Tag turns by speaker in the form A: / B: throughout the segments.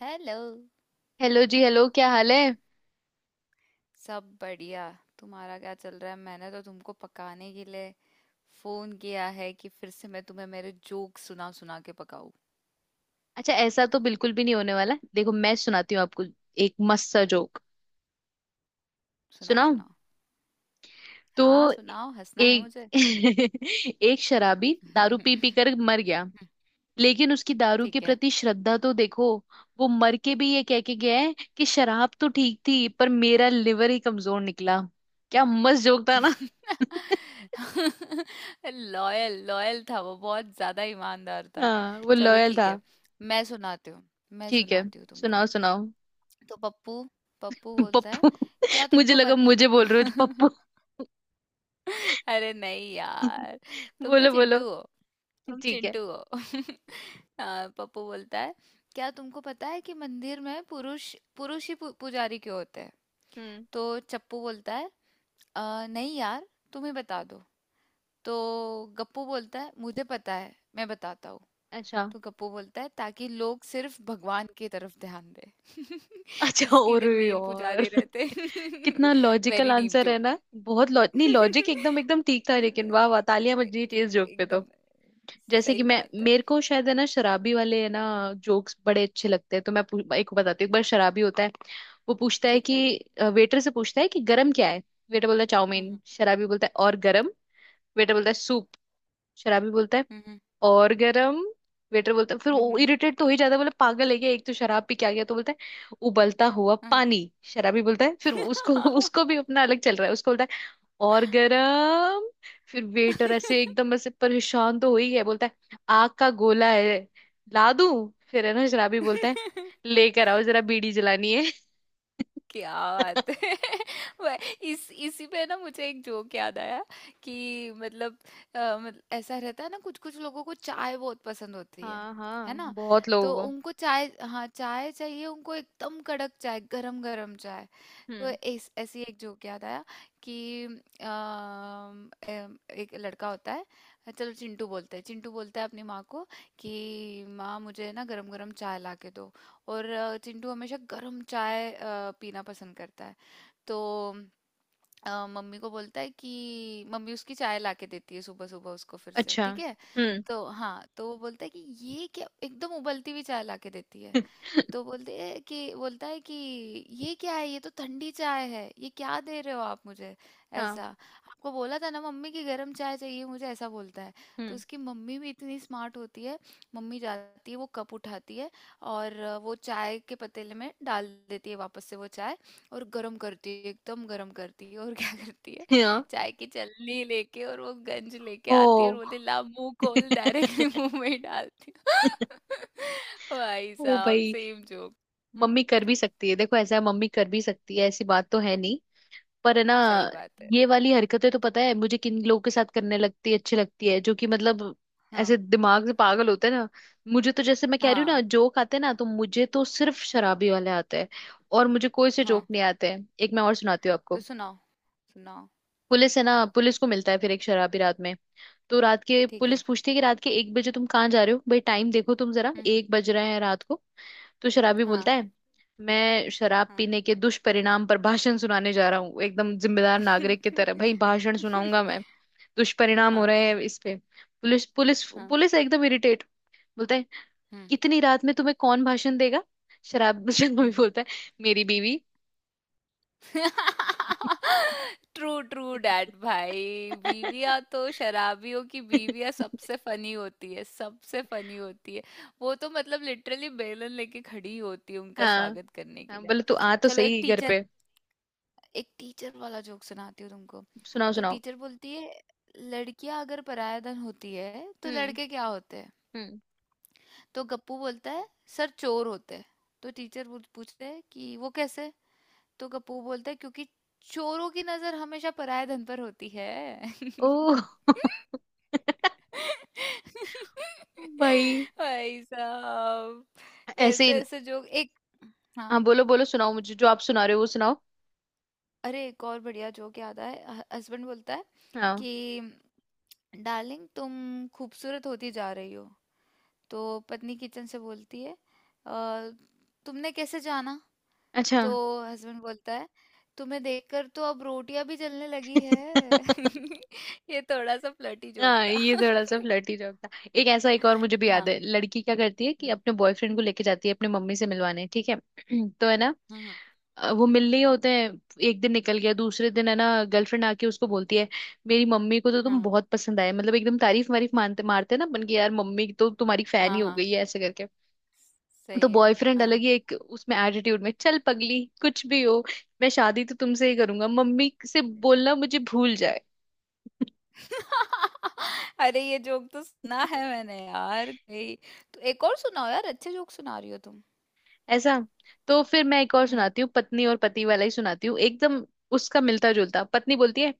A: Hello.
B: Hello जी। Hello, क्या हाल है?
A: सब बढ़िया। तुम्हारा क्या चल रहा है? मैंने तो तुमको पकाने के लिए फोन किया है कि फिर से मैं तुम्हें मेरे जोक सुना सुना के पकाऊं।
B: अच्छा, ऐसा तो बिल्कुल भी नहीं होने वाला। देखो, मैं सुनाती हूँ आपको एक मस्त सा जोक।
A: सुनाओ
B: सुनाऊं?
A: सुनाओ। हाँ
B: तो
A: सुनाओ, हंसना है
B: एक
A: मुझे।
B: एक शराबी दारू पी पी कर मर गया। लेकिन उसकी दारू के
A: ठीक है।
B: प्रति श्रद्धा तो देखो, वो मर के भी ये कह के गया है कि शराब तो ठीक थी, पर मेरा लिवर ही कमजोर निकला। क्या मस्त जोक था ना!
A: लॉयल लॉयल था, वो बहुत ज्यादा ईमानदार था।
B: हाँ, वो
A: चलो
B: लॉयल
A: ठीक
B: था।
A: है। मैं सुनाती हूँ। मैं
B: ठीक है,
A: सुनाती हूँ तुमको।
B: सुनाओ सुनाओ।
A: तो पप्पू पप्पू बोलता है,
B: पप्पू,
A: क्या
B: मुझे
A: तुमको
B: लगा
A: पता।
B: मुझे बोल रहे हो पप्पू।
A: अरे नहीं यार, तुम तो
B: बोलो बोलो।
A: चिंटू हो। तुम
B: ठीक है।
A: चिंटू हो। हाँ, पप्पू बोलता है, क्या तुमको पता है कि मंदिर में पुरुष पुरुष ही पुजारी क्यों होते हैं।
B: हम्म।
A: तो चप्पू बोलता है, नहीं यार, तुम ही बता दो।" तो गप्पू बोलता है मुझे पता है मैं बताता हूँ।
B: अच्छा।
A: तो गप्पू बोलता है ताकि लोग सिर्फ भगवान की तरफ ध्यान दे।
B: अच्छा,
A: इसके
B: और
A: लिए मेल
B: यार
A: पुजारी रहते।
B: कितना लॉजिकल
A: वेरी डीप
B: आंसर है
A: जोक।
B: ना! बहुत लॉ नहीं, लॉजिक एकदम एकदम ठीक था, लेकिन वाह वाह, तालियां बज रही थी इस जोक पे तो।
A: एकदम
B: जैसे कि
A: सही
B: मैं,
A: बात है।
B: मेरे को शायद, है ना, शराबी वाले, है ना, जोक्स बड़े अच्छे लगते हैं। तो मैं एक को बताती हूँ। एक बार शराबी होता है। वो पूछता है
A: ठीक
B: कि,
A: है।
B: वेटर से पूछता है कि गरम क्या है। वेटर बोलता है चाउमीन।
A: हम्म।
B: शराबी बोलता है और गरम। वेटर बोलता है सूप। शराबी बोलता है
A: हम्म। हम्म।
B: और गरम। वेटर बोलता है, फिर वो
A: हम्म।
B: इरिटेट तो हो ही जाता है, बोले पागल है क्या, एक तो शराब पी के आ गया, तो बोलता है उबलता हुआ
A: हम्म,
B: पानी। शराबी बोलता है, फिर उसको
A: हाँ।
B: उसको भी अपना अलग चल रहा है, उसको बोलता है और गरम। फिर वेटर ऐसे एकदम ऐसे परेशान तो हो ही गया, बोलता है आग का गोला है ला दूं फिर? है ना, शराबी बोलता है लेकर आओ जरा, बीड़ी जलानी है।
A: क्या बात है। वह- इस इसी पे ना मुझे एक जोक याद आया, कि मतलब मतलब ऐसा रहता है ना, कुछ कुछ लोगों को चाय बहुत पसंद होती है।
B: हाँ
A: है
B: हाँ,
A: ना।
B: बहुत
A: तो
B: लोगों को।
A: उनको चाय, हाँ चाय चाहिए, उनको एकदम कड़क चाय, गरम गरम चाय। तो
B: हम्म।
A: इस ऐसी एक जोक याद आया कि अम, अम, एक लड़का होता है। चलो चिंटू बोलते हैं, चिंटू बोलता है अपनी माँ को कि माँ मुझे ना गरम गरम चाय ला के दो। और चिंटू हमेशा गरम चाय पीना पसंद करता है। तो मम्मी को बोलता है कि मम्मी उसकी चाय ला के देती है सुबह सुबह उसको फिर से,
B: अच्छा।
A: ठीक है।
B: हम्म।
A: तो हाँ तो वो बोलता है कि ये क्या एकदम उबलती हुई चाय ला के देती है। तो बोलते हैं कि बोलता है कि ये क्या है, ये तो ठंडी चाय है, ये क्या दे रहे हो आप मुझे,
B: हाँ।
A: ऐसा। आपको बोला था ना मम्मी की गर्म चाय चाहिए मुझे, ऐसा बोलता है। तो
B: हम्म।
A: उसकी मम्मी भी इतनी स्मार्ट होती है, मम्मी जाती है, वो कप उठाती है और वो चाय के पतीले में डाल देती है, वापस से वो चाय और गर्म करती है, एकदम गर्म करती है, और क्या करती है,
B: हाँ।
A: चाय की छलनी लेके और वो गंज लेके आती है, और
B: ओ।
A: बोलती है, ला मुंह खोल, डायरेक्टली मुंह में ही डालती हूँ। भाई
B: ओ
A: साहब
B: भाई।
A: Same joke. हम्म।
B: मम्मी कर भी सकती है, देखो, ऐसा है मम्मी कर भी सकती है, ऐसी बात तो है नहीं, पर है ना।
A: सही बात है।
B: ये वाली हरकतें तो, पता है मुझे किन लोगों के साथ करने लगती है, अच्छी लगती है, जो कि मतलब
A: हाँ
B: ऐसे दिमाग से पागल होते हैं ना। मुझे तो, जैसे मैं कह रही हूँ ना,
A: हाँ
B: जोक आते हैं ना तो मुझे तो सिर्फ शराबी वाले आते हैं, और मुझे कोई से जोक
A: हाँ।
B: नहीं आते हैं। एक मैं और सुनाती हूँ
A: तो
B: आपको।
A: सुनाओ सुनाओ।
B: पुलिस है ना, पुलिस को मिलता है फिर एक शराबी रात में। तो रात के,
A: ठीक
B: पुलिस
A: है।
B: पूछती है कि रात के एक बजे तुम कहाँ जा रहे हो भाई? टाइम देखो तुम जरा,
A: हम्म।
B: एक बज रहे हैं रात को। तो शराबी बोलता
A: हाँ
B: है मैं शराब
A: हाँ।
B: पीने के दुष्परिणाम पर भाषण सुनाने जा रहा हूँ, एकदम जिम्मेदार नागरिक की तरह भाई, भाषण सुनाऊंगा मैं, दुष्परिणाम हो
A: हाँ
B: रहे हैं इस पे। पुलिस पुलिस
A: हाँ।
B: पुलिस एकदम इरिटेट, बोलता है
A: हम्म
B: इतनी रात में तुम्हें कौन भाषण देगा? शराब, शराबी
A: हम्म।
B: बोलता है मेरी बीवी।
A: ट्रू ट्रू डैड भाई। बीवियां तो, शराबियों की बीवियां सबसे फनी होती है, सबसे फनी होती है। वो तो मतलब लिटरली बेलन लेके खड़ी होती है उनका
B: हाँ
A: स्वागत करने के
B: हाँ,
A: लिए।
B: बोले तू आ तो
A: चलो
B: सही घर पे।
A: एक टीचर वाला जोक सुनाती हूँ तुमको।
B: सुनाओ
A: तो
B: सुनाओ।
A: टीचर बोलती है, लड़कियां अगर पराया धन होती है तो
B: हम्म।
A: लड़के क्या होते हैं?
B: हम्म।
A: तो गप्पू बोलता है, सर चोर होते हैं। तो टीचर पूछते हैं कि वो कैसे। तो कपूर बोलता है क्योंकि चोरों की नजर हमेशा पराये धन पर होती है।
B: ओह। भाई।
A: भाई साहब।
B: ऐसे
A: ऐसे
B: ही।
A: ऐसे जोक, एक, हाँ,
B: हाँ, बोलो बोलो, सुनाओ मुझे जो आप सुना रहे हो वो सुनाओ।
A: अरे एक और बढ़िया जोक याद आया। हस्बैंड बोलता है
B: हाँ,
A: कि डार्लिंग तुम खूबसूरत होती जा रही हो। तो पत्नी किचन से बोलती है, "अ, तुमने कैसे जाना?"
B: अच्छा।
A: तो हस्बैंड बोलता है तुम्हें देखकर तो अब रोटियां भी जलने लगी है। ये थोड़ा सा फ्लर्टी जोक
B: हाँ,
A: था।
B: ये थोड़ा सा फ्लर्टी जोक था। एक ऐसा, एक और मुझे भी याद
A: हाँ।
B: है। लड़की क्या करती है कि
A: हम्म,
B: अपने बॉयफ्रेंड को लेके जाती है अपने मम्मी से मिलवाने, ठीक है। तो है ना,
A: हम्म,
B: वो मिलने ही होते हैं। एक दिन निकल गया, दूसरे दिन है ना, गर्लफ्रेंड आके उसको बोलती है मेरी मम्मी को तो तुम
A: हाँ
B: बहुत पसंद आए, मतलब एकदम तारीफ वारीफ, मानते मारते हैं ना बन के यार, मम्मी तो तुम्हारी फैन ही
A: हाँ
B: हो
A: हाँ।
B: गई है, ऐसे करके। तो
A: सही है।
B: बॉयफ्रेंड अलग
A: हाँ।
B: ही एक उसमें एटीट्यूड में, चल पगली, कुछ भी हो, मैं शादी तो तुमसे ही करूंगा, मम्मी से बोलना मुझे भूल जाए।
A: अरे ये जोक तो सुना है मैंने यार कहीं। तो एक और सुनाओ यार, अच्छे जोक सुना रही हो तुम।
B: ऐसा। तो फिर मैं एक और
A: हम्म।
B: सुनाती हूँ, पत्नी और पति वाला ही सुनाती हूँ, एकदम उसका मिलता जुलता। पत्नी बोलती है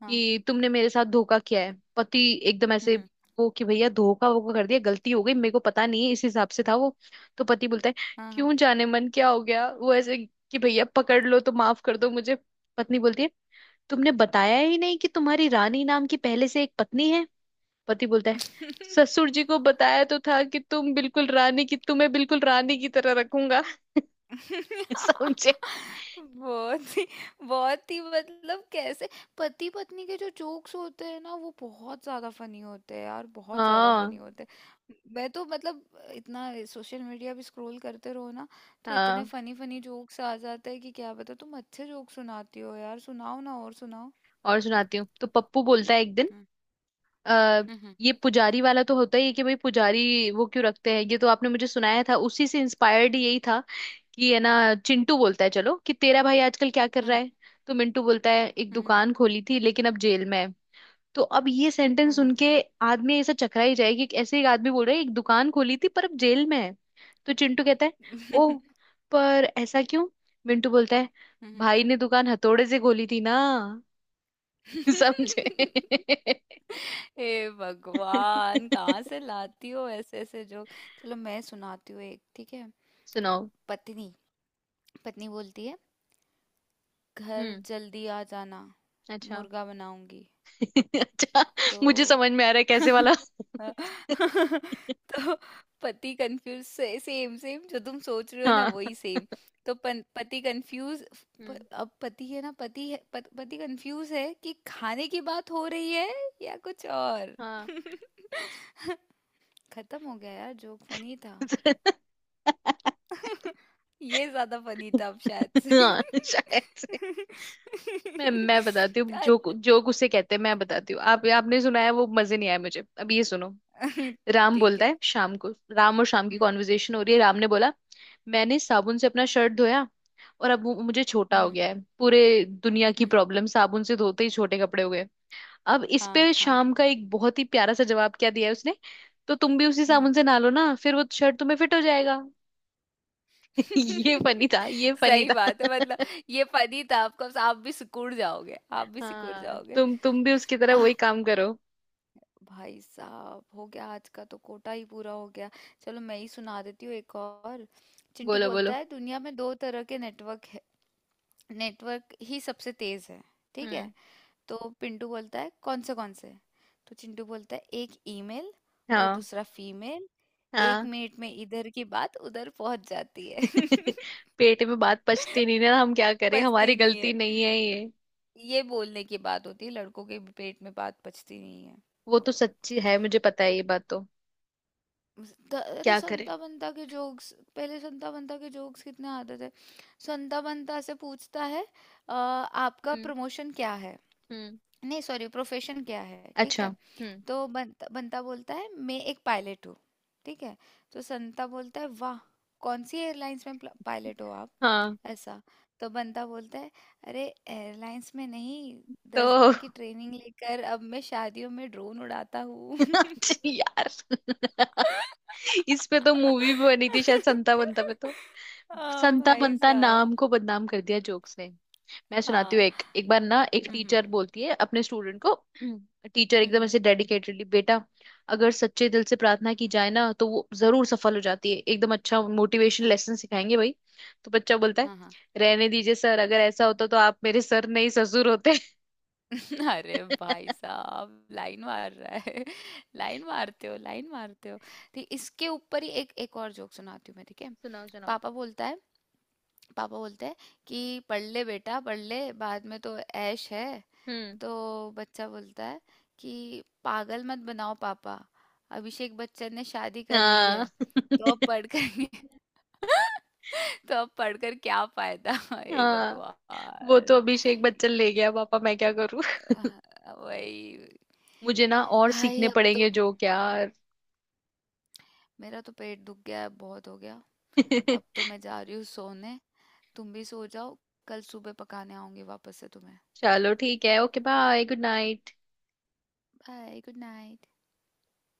A: हाँ।
B: तुमने मेरे साथ धोखा किया है। पति एकदम ऐसे,
A: हम्म।
B: वो कि भैया धोखा वोखा कर दिया, गलती हो गई, मेरे को पता नहीं है, इस हिसाब से था वो। तो पति बोलता है,
A: हाँ हाँ।
B: क्यों जाने मन क्या हो गया वो ऐसे, कि भैया पकड़ लो तो, माफ कर दो मुझे। पत्नी बोलती है तुमने बताया ही नहीं कि तुम्हारी रानी नाम की पहले से एक पत्नी है। पति बोलता है ससुर जी को बताया तो था कि तुम बिल्कुल रानी की, तुम्हें बिल्कुल रानी की तरह रखूंगा। समझे?
A: बहुत ही बहुत ही मतलब कैसे। पति पत्नी के जो जोक्स होते हैं ना वो बहुत ज्यादा फनी होते हैं यार, बहुत ज्यादा फनी
B: हाँ
A: होते हैं। मैं तो मतलब इतना सोशल मीडिया भी स्क्रॉल करते रहो ना, तो इतने
B: हाँ,
A: फनी फनी जोक्स आ जाते हैं कि क्या बता। तुम अच्छे जोक्स सुनाती हो यार, सुनाओ ना और सुनाओ।
B: और सुनाती हूँ। तो पप्पू बोलता है एक दिन,
A: हम्म
B: आ,
A: हम्म
B: ये पुजारी वाला तो होता ही है कि भाई पुजारी वो क्यों रखते हैं, ये तो आपने मुझे सुनाया था, उसी से इंस्पायर्ड यही था, कि है ना, चिंटू बोलता है चलो कि तेरा भाई आजकल क्या कर रहा
A: हाँ
B: है। तो मिंटू बोलता है एक
A: हाँ
B: दुकान खोली थी लेकिन अब जेल में है। तो अब ये सेंटेंस
A: हाँ हाँ
B: सुन के आदमी ऐसा चकरा ही जाएगी, कि ऐसे एक आदमी बोल रहा है एक दुकान खोली थी पर अब जेल में है। तो चिंटू कहता है
A: हम्म
B: ओ, पर ऐसा क्यों? मिंटू बोलता है
A: हम्म
B: भाई ने दुकान हथौड़े से खोली थी ना। समझे?
A: हम्म। हे भगवान, कहाँ से लाती हो ऐसे ऐसे जोक। चलो मैं सुनाती हूँ एक, ठीक है।
B: सुनाओ।
A: पत्नी पत्नी बोलती है, घर
B: हम्म।
A: जल्दी आ जाना,
B: अच्छा।
A: मुर्गा बनाऊंगी।
B: अच्छा, मुझे
A: तो
B: समझ में आ रहा है कैसे वाला।
A: तो पति कंफ्यूज से, सेम सेम जो तुम सोच रहे हो ना
B: हाँ।
A: वही सेम। तो पति कंफ्यूज।
B: हम्म।
A: अब पति है ना, पति कंफ्यूज है कि खाने की बात हो रही है या कुछ और।
B: हाँ।
A: खत्म हो गया यार जोक, फनी था। ये ज्यादा फनी था अब शायद से।
B: हाँ, शायद से। मैं मैं बताती हूँ जो
A: अच्छ-
B: जोक उसे कहते हैं। मैं बताती हूँ, आप, आपने सुना है वो, मजे नहीं आए मुझे, अब ये सुनो। राम
A: ठीक
B: बोलता
A: है।
B: है शाम को, राम और शाम की
A: हम्म।
B: कॉन्वर्जेशन हो रही है। राम ने बोला मैंने साबुन से अपना शर्ट धोया और अब वो मुझे छोटा हो
A: हम्म।
B: गया है, पूरे दुनिया की
A: हम्म।
B: प्रॉब्लम साबुन से धोते ही छोटे कपड़े हो गए। अब इस
A: हाँ
B: पे
A: हाँ।
B: शाम का एक बहुत ही प्यारा सा जवाब क्या दिया है उसने, तो तुम भी उसी
A: हम्म।
B: साबुन से नहा लो ना फिर, वो शर्ट तुम्हें फिट हो जाएगा। ये फनी था, ये फनी
A: सही
B: था।
A: बात है मतलब। ये फनी था आपको, आप भी सिकुड़ जाओगे, आप भी सिकुड़
B: हाँ,
A: जाओगे।
B: तुम भी उसकी तरह
A: आह,
B: वही काम करो।
A: भाई साहब, हो गया, आज का तो कोटा ही पूरा हो गया। चलो मैं ही सुना देती हूँ एक और। चिंटू
B: बोलो बोलो।
A: बोलता है दुनिया में दो तरह के नेटवर्क है, नेटवर्क ही सबसे तेज है, ठीक है।
B: हम्म।
A: तो पिंटू बोलता है कौन से कौन से? तो चिंटू बोलता है एक ईमेल और
B: हाँ
A: दूसरा फीमेल। एक
B: हाँ।
A: मिनट में इधर की बात उधर पहुंच जाती है।
B: पेट में बात पचती नहीं ना, हम क्या करें, हमारी
A: पचती नहीं है।
B: गलती नहीं है ये।
A: ये बोलने की बात होती है, लड़कों के पेट में बात पचती नहीं है।
B: वो तो सच्ची है, मुझे पता है ये बात तो।
A: अरे
B: क्या करें।
A: संता बंता के जोक्स, पहले संता बंता के जोक्स कितने आते थे। संता बंता से पूछता है, आपका
B: हम्म।
A: प्रमोशन क्या है,
B: हम्म।
A: नहीं सॉरी प्रोफेशन क्या है, ठीक
B: अच्छा।
A: है?"
B: हम्म।
A: तो बंता बंता बोलता है मैं एक पायलट हूँ। ठीक है। तो संता बोलता है, वाह, कौन सी एयरलाइंस में पायलट हो आप,
B: हाँ।
A: ऐसा। तो बंता बोलता है, अरे एयरलाइंस में नहीं, दस
B: तो
A: दिन की ट्रेनिंग लेकर अब मैं शादियों में ड्रोन उड़ाता हूँ।
B: यार इस पे तो मूवी भी बनी थी शायद, संता बंता पे तो।
A: हाँ
B: संता
A: भाई
B: बंता
A: साहब।
B: नाम को बदनाम कर दिया जोक्स ने। मैं सुनाती हूँ
A: हाँ।
B: एक, एक बार ना एक
A: हम्म हम्म
B: टीचर बोलती है अपने स्टूडेंट को। टीचर
A: हम्म, हम्म,
B: एकदम ऐसे डेडिकेटेडली, बेटा अगर सच्चे दिल से प्रार्थना की जाए ना तो वो जरूर सफल हो जाती है, एकदम अच्छा मोटिवेशन लेसन सिखाएंगे भाई। तो बच्चा बोलता है
A: हाँ हाँ।
B: रहने दीजिए सर, अगर ऐसा होता तो आप मेरे सर नहीं ससुर होते।
A: अरे भाई साहब लाइन मार रहा है। लाइन मारते हो, लाइन मारते हो। ठीक इसके ऊपर ही एक एक और जोक सुनाती हूँ मैं, ठीक है।
B: सुनाओ सुनाओ।
A: पापा बोलता है पापा बोलते हैं कि पढ़ ले बेटा पढ़ ले, बाद में तो ऐश है।
B: हम्म।
A: तो बच्चा बोलता है कि पागल मत बनाओ पापा, अभिषेक बच्चन ने शादी कर ली है,
B: हाँ।
A: तो अब पढ़ कर तो अब पढ़कर क्या फायदा। हे
B: हाँ, वो तो
A: भगवान।
B: अभिषेक बच्चन ले गया, पापा मैं क्या करूँ।
A: वही।
B: मुझे ना और
A: हाय
B: सीखने
A: अब तो
B: पड़ेंगे जोक यार।
A: मेरा तो पेट दुख गया है, बहुत हो गया। अब तो मैं जा रही हूँ सोने, तुम भी सो जाओ, कल सुबह पकाने आऊंगी वापस से तुम्हें।
B: चलो ठीक है, okay, bye, good night.
A: Bye good night.